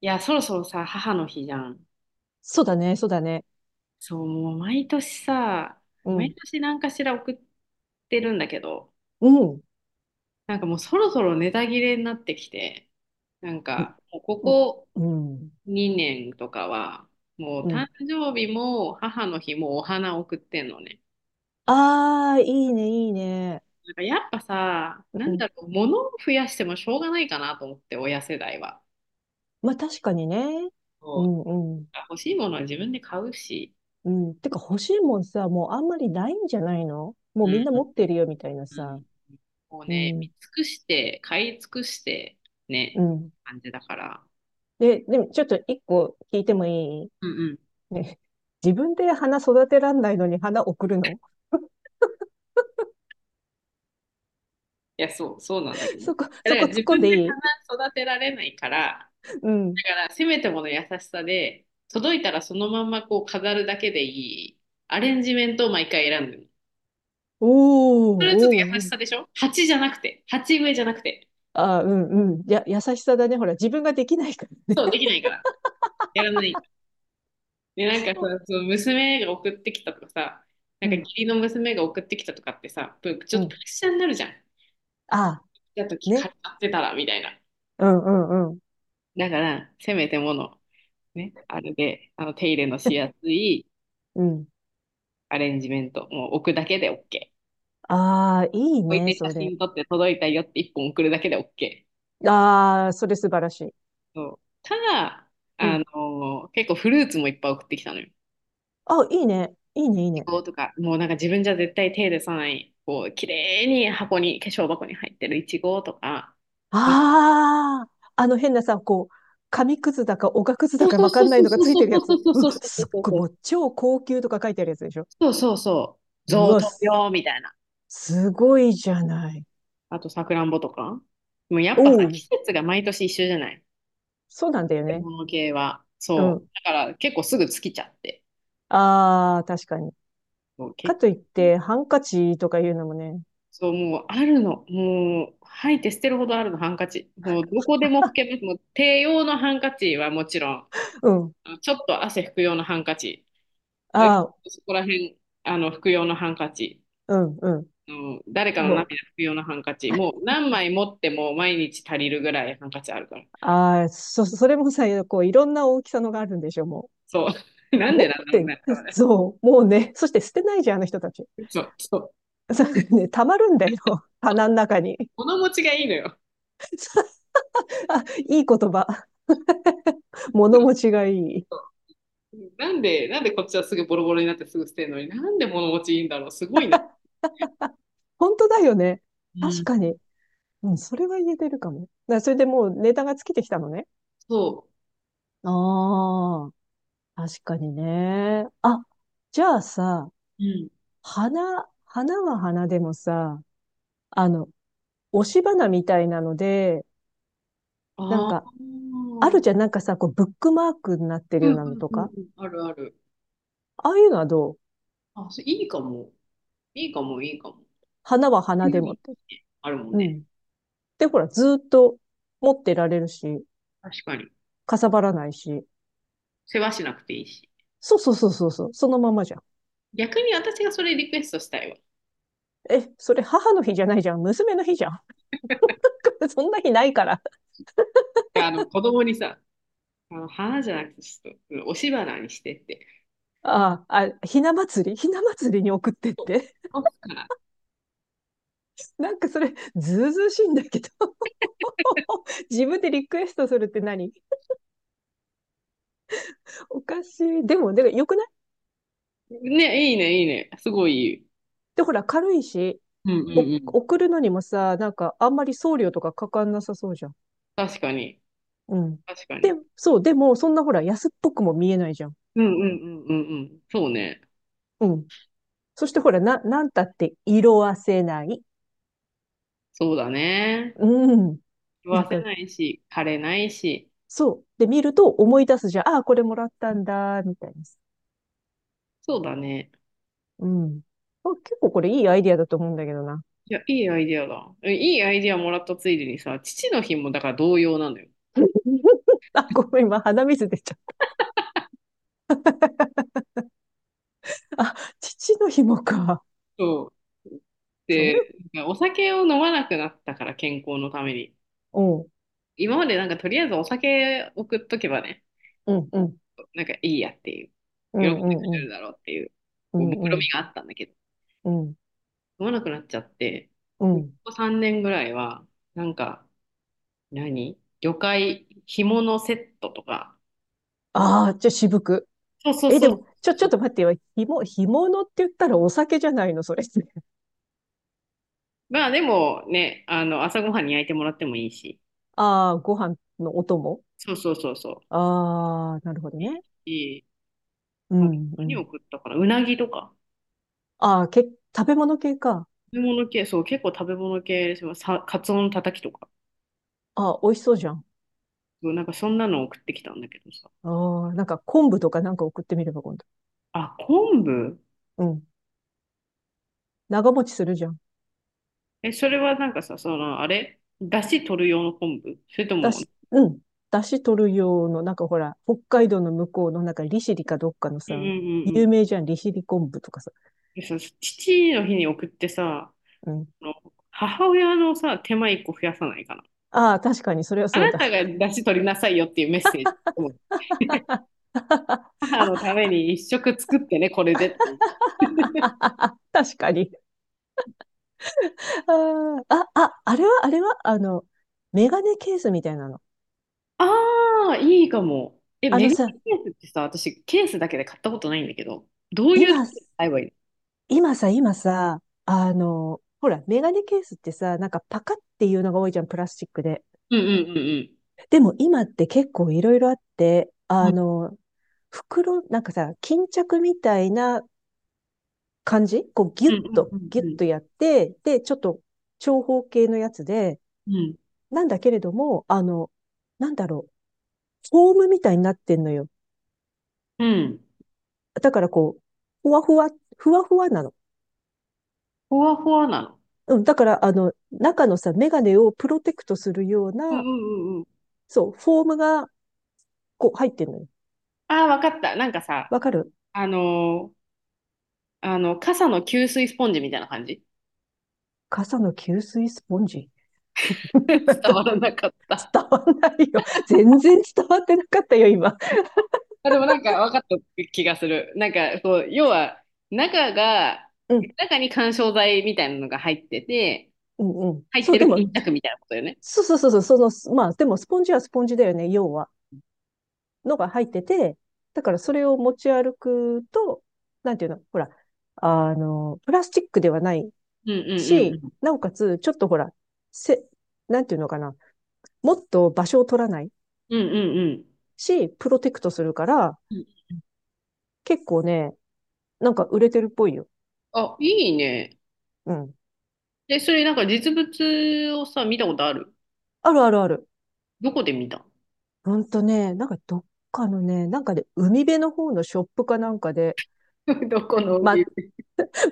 いや、そろそろさ、母の日じゃん。そうだね、そうだね。そう、もう毎年さ、う毎ん。年何かしら送ってるんだけど、うん。もうそろそろネタ切れになってきて、うん。もうここうん。2年とかは、もうう誕ん。生日も母の日もお花送ってんのね。ああ、いいね、いいね。なんかやっぱさ、なうんん。だろう、物を増やしてもしょうがないかなと思って、親世代は。まあ確かにね。うそう、ん、うん。欲しいものは自分で買うし。うん。てか欲しいもんさ、もうあんまりないんじゃないの、もううみんな持ん、ってるよ、みたいなうさ。んこううね、見ん。尽くして、買い尽くして、うね、ん。感じだから。でもちょっと一個聞いてもいい？うんうん。いね。自分で花育てらんないのに花送るの？ や、そう、そうなんだけ ど。いそこ、やそだこから突っ自込ん分ででいい？花育てられないから、うん。だからせめてもの優しさで、届いたらそのまんまこう飾るだけでいいアレンジメントを毎回選んでる。おそれはちょっと優ー、おしー、さでしょ、鉢じゃなくて、鉢植えじゃなくて。ああ、うんうん。や、優しさだね。ほら、自分ができないからね。そう、できないから。やらない。で、なんかさ、その娘が送ってきたとかさ、なうんか義ん、理の娘が送ってきたとかってさ、ぷちょうっとプレん。ッシャーになるじゃん。ああ、たときね。借りてたらみたいな。うんうんうん。だからせめてものねあるで、あの手入れのしや すいうん。アレンジメント、もう置くだけでオッケー。ああ、いい置いね、て写それ。真撮って届いたよって一本送るだけでオッケああ、それ素晴らしい。ー。そうただうん。結構フルーツもいっぱい送ってきたのよ。あ、いいね。いいね、いいいちね。ごとかもうなんか自分じゃ絶対手入れさないこう綺麗に箱に化粧箱に入ってるいちごとか。ああ、あの変なさ、こう、紙くずだか、おがくずそだうかそうわかそうんないそうのがそうついてるそやうつ。そううそうわ、そすうっそうごい、そもうう超高級とか書いてあるやつでしょ。そうそうそううそうそうそう、贈わ、答品みたいな。すごいじゃない。あと、さくらんぼとか。もうやっおぱさ、お、季節が毎年一緒じゃない、そうなんだよ食べね。物系は。うそう。ん。だから結構すぐ尽きちゃって。ああ、確かに。そう、か結といって、ハンカチとか言うのもね。そう、もうあるの。もう、吐いて捨てるほどあるの、ハンカチ。もうどこでも拭けます。もう手用のハンカチはもちろん、うん。あのちょっと汗拭く用のハンカチ。え、ああ、そこら辺、拭く用のハンカチ。うん、うあの誰かん。の涙拭もく用のハンカう。チ。もう 何枚持っても毎日足りるぐらいハンカチあるから。ああ、それもさ、こう、いろんな大きさのがあるんでしょ、もそう。う。なん持でなっんだろうて、ね。多分ねそう、もうね、そして捨てないじゃん、あの人たち。そう。そう、そうね、溜まるんだよ、棚の中に。物持ちがいいのよ。あ、いい言葉。物持 ちがいい。なんで、なんでこっちはすぐボロボロになってすぐ捨てるのに、なんで物持ちいいんだろう、すごいな。本当だよね。う確ん。かに。うん、それは言えてるかも。だそれでもうネタが尽きてきたのね。そああ、確かにね。あ、じゃあさ、う。うん。花、花は花でもさ、あの、押し花みたいなので、なんああ。か、うあるんじゃん、なんかさ、こう、ブックマークになってるうようんなうのんとか、うん。あるある。ああいうのはどう？あ、それいいかも。いいかも、いいかも。花は花有でもっ利て。あるもんうね。ん。で、ほら、ずーっと持ってられるし、確かに。かさばらないし。世話しなくていいし。そうそうそうそうそう、そのままじゃん。逆に私がそれリクエストしたいわ。いえ、それ母の日じゃないじゃん、娘の日じゃん。そんな日ないから。や、子供にさ、花じゃなくて、ちょっと、うん押し花にしてって。ああ、あ、ひな祭りに送ってっそうて。押すから。なんかそれ、ずうずうしいんだけど。自分でリクエストするって何？おかしい。でも、で、よくない？ね、いいね、いいね。すごいいい。で、ほら、軽いし、うんうんお、うん。送るのにもさ、なんか、あんまり送料とかかかんなさそうじゃん。確かに。うん。確かで、に。そう、でも、そんなほら、安っぽくも見えないじゃん。うんうんうんうんうん。そうね。うん。そしてほら、なんたって色あせない。そうだね。うん。食なわんせか、ないし、枯れないし。そう。で、見ると思い出すじゃん。ああ、これもらったんだ、みたいな。そうだね。うん。あ、結構これいいアイディアだと思うんだけどな。いや、いいアイディアだ。えいいアイディアもらったついでにさ、父の日もだから同様なのよ。あ、ごめん、今鼻水出ちゃった。あ、父の日もか。そう。それ、で、なんかお酒を飲まなくなったから、健康のために。うん、うん、今までなんかとりあえずお酒送っとけばね、うん、なんかいいやっていう、う喜んん、でうくん、れうるん、だろうっていう、うこう目論みん、があったんだけど、うん、飲まなくなっちゃって、うこん。こ3年ぐらいは、なんか、何魚介紐のセットとか。ああ、じゃあ渋く。そうそうえ、そでうも、ちそょっう。と待ってよ。ひも、干物って言ったらお酒じゃないの、それって。まあでもね、朝ごはんに焼いてもらってもいいし。ああ、ご飯のお供？そうそうそうそう。ああ、なるほどいね。い、いい。うあとん、う何をん。食ったかな、うなぎとか。ああ、食べ物系か。食べ物系、そう、結構食べ物系ですよ。さ、カツオのたたきとか。ああ、美味しそうじゃん。そうなんかそんなの送ってきたんだけどさ。ああ、なんか昆布とかなんか送ってみれば今度。あ、昆布うん。長持ちするじゃん。え、それはなんかさ、その、あれ、だし取る用の昆布、それとだも、し、うん。だし取る用の、なんかほら、北海道の向こうの、なんか利尻かどっかのうんうんうさ、んう有名ん。じゃん、利尻昆布とかさ。でさ、父の日に送ってさ、うん。あの母親のさ、手間一個増やさないかな。ああ、確かに、それはあそうなただ。が出汁取りなさいよっていうメッセージ。うん、 母のためあ、に一食作ってね、これでっていう。確かに。あー、あ、ああれは、あれは、あの、メガネケースみたいなの。ああ、いいかも。え、あメのガネさ、ケースってさ、私ケースだけで買ったことないんだけど、どういう今、時に買えばいいの？今さ、あの、ほら、メガネケースってさ、なんかパカっていうのが多いじゃん、プラスチックで。うんうんうんでも今って結構いろいろあって、うん。あうんの、袋、なんかさ、巾着みたいな感じ、こうギうュんッと、うんギュうッんとやって、で、ちょっと長方形のやつで、うん。なんだけれども、あの、なんだろう、フォームみたいになってんのよ。うん。だからこう、ふわふわ、ふわふわなの。ふわふわなの。うん、だから、あの、中のさ、メガネをプロテクトするよううんうな、んうんうん。そう、フォームが、こう、入ってんのよ。ああ、わかった。なんかさ、わかる？あのー傘の吸水スポンジみたいな感じ？ 傘の吸水スポンジ。伝わらなかった。伝わんないよ。全然伝わってなかったよ、今。あ、でもなんか分かった気がする。なんかそう、要は中が、うん、中に緩衝材みたいなのが入ってて、うん、うん。入っそう、てでるも、巾着みたいなことよね。そうそうそうそう、その、す、まあ、でもスポンジはスポンジだよね、要は。のが入ってて、だからそれを持ち歩くと、なんていうの、ほら、あの、プラスチックではないうんうんうんし、うん。なおかつ、ちょっとほら、せ、なんていうのかな、もっと場所を取らないうんうんうん。し、プロテクトするから、いい結構ね、なんか売れてるっぽいよ。あ、いいね。うん。で、それなんか実物をさ、見たことある？あるあるある。どこで見た？ ほんとね、なんかどっかのね、なんかで、海辺の方のショップかなんかで、どこの帯？ま、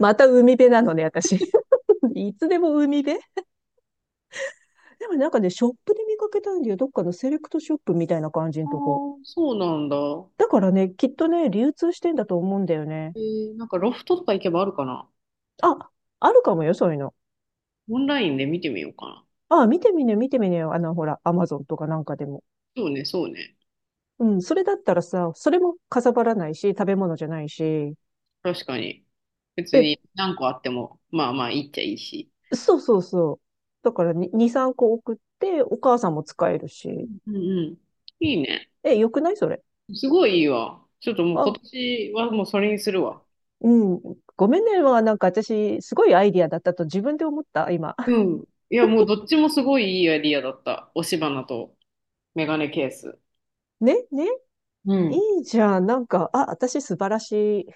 また海辺なのね、私。いつでも海辺。でもなんかね、ショップで見かけたんだよ。どっかのセレクトショップみたいな感じのあとこ。ーそうなんだ。だからね、きっとね、流通してんだと思うんだよね。えーなんかロフトとか行けばあるかな？あ、あるかもよ、そういうの。オンラインで見てみようかな。あ、見てみね、見てみねよ。あの、ほら、アマゾンとかなんかでも。そうね、そうね。うん、それだったらさ、それもかさばらないし、食べ物じゃないし。確かに。別で、に何個あっても、まあまあいいっちゃいいし。そうそうそう。だから2、2、3個送って、お母さんも使えるし。うんうん。いいね。え、よくないそれ？すごいいいわ。ちょっともう今あ、年はもうそれにするわ。うん。ごめんね。まあなんか私、すごいアイディアだったと自分で思った、今。う ん。いや、もうどっちもすごいいいアイディアだった。押し花とメガネケース。ねね、ういん。いじゃん。なんか、あ、私素晴らしい。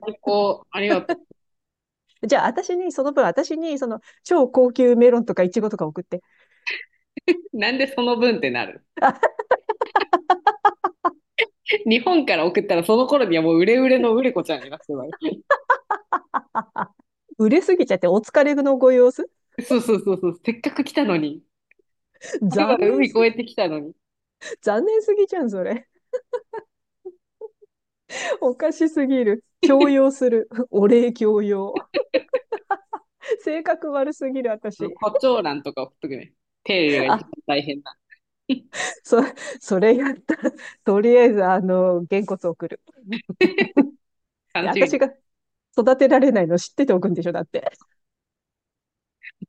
最高。ありがとじゃあ、私に、その分、私に、その、超高級メロンとかイチゴとか送って。う。なんでその分ってなる？日本から送ったらその頃にはもう売れ売れの売れ子ちゃんになってるわよ。売れすぎちゃって、お疲れのご様子。そうそうそうそう。せっかく来たのに。あれは残るば念るす海越ぎ、えてきたのに。残念すぎじゃん、それ。おかしすぎる。強要する。お礼強要。性格悪すぎる、あの私。胡蝶蘭とか送っとくね。手入れが一あ、番大変だ。そ、それやったら。とりあえず、あの、げんこつ送る。楽しみに。私が育てられないの知ってておくんでしょ、だって。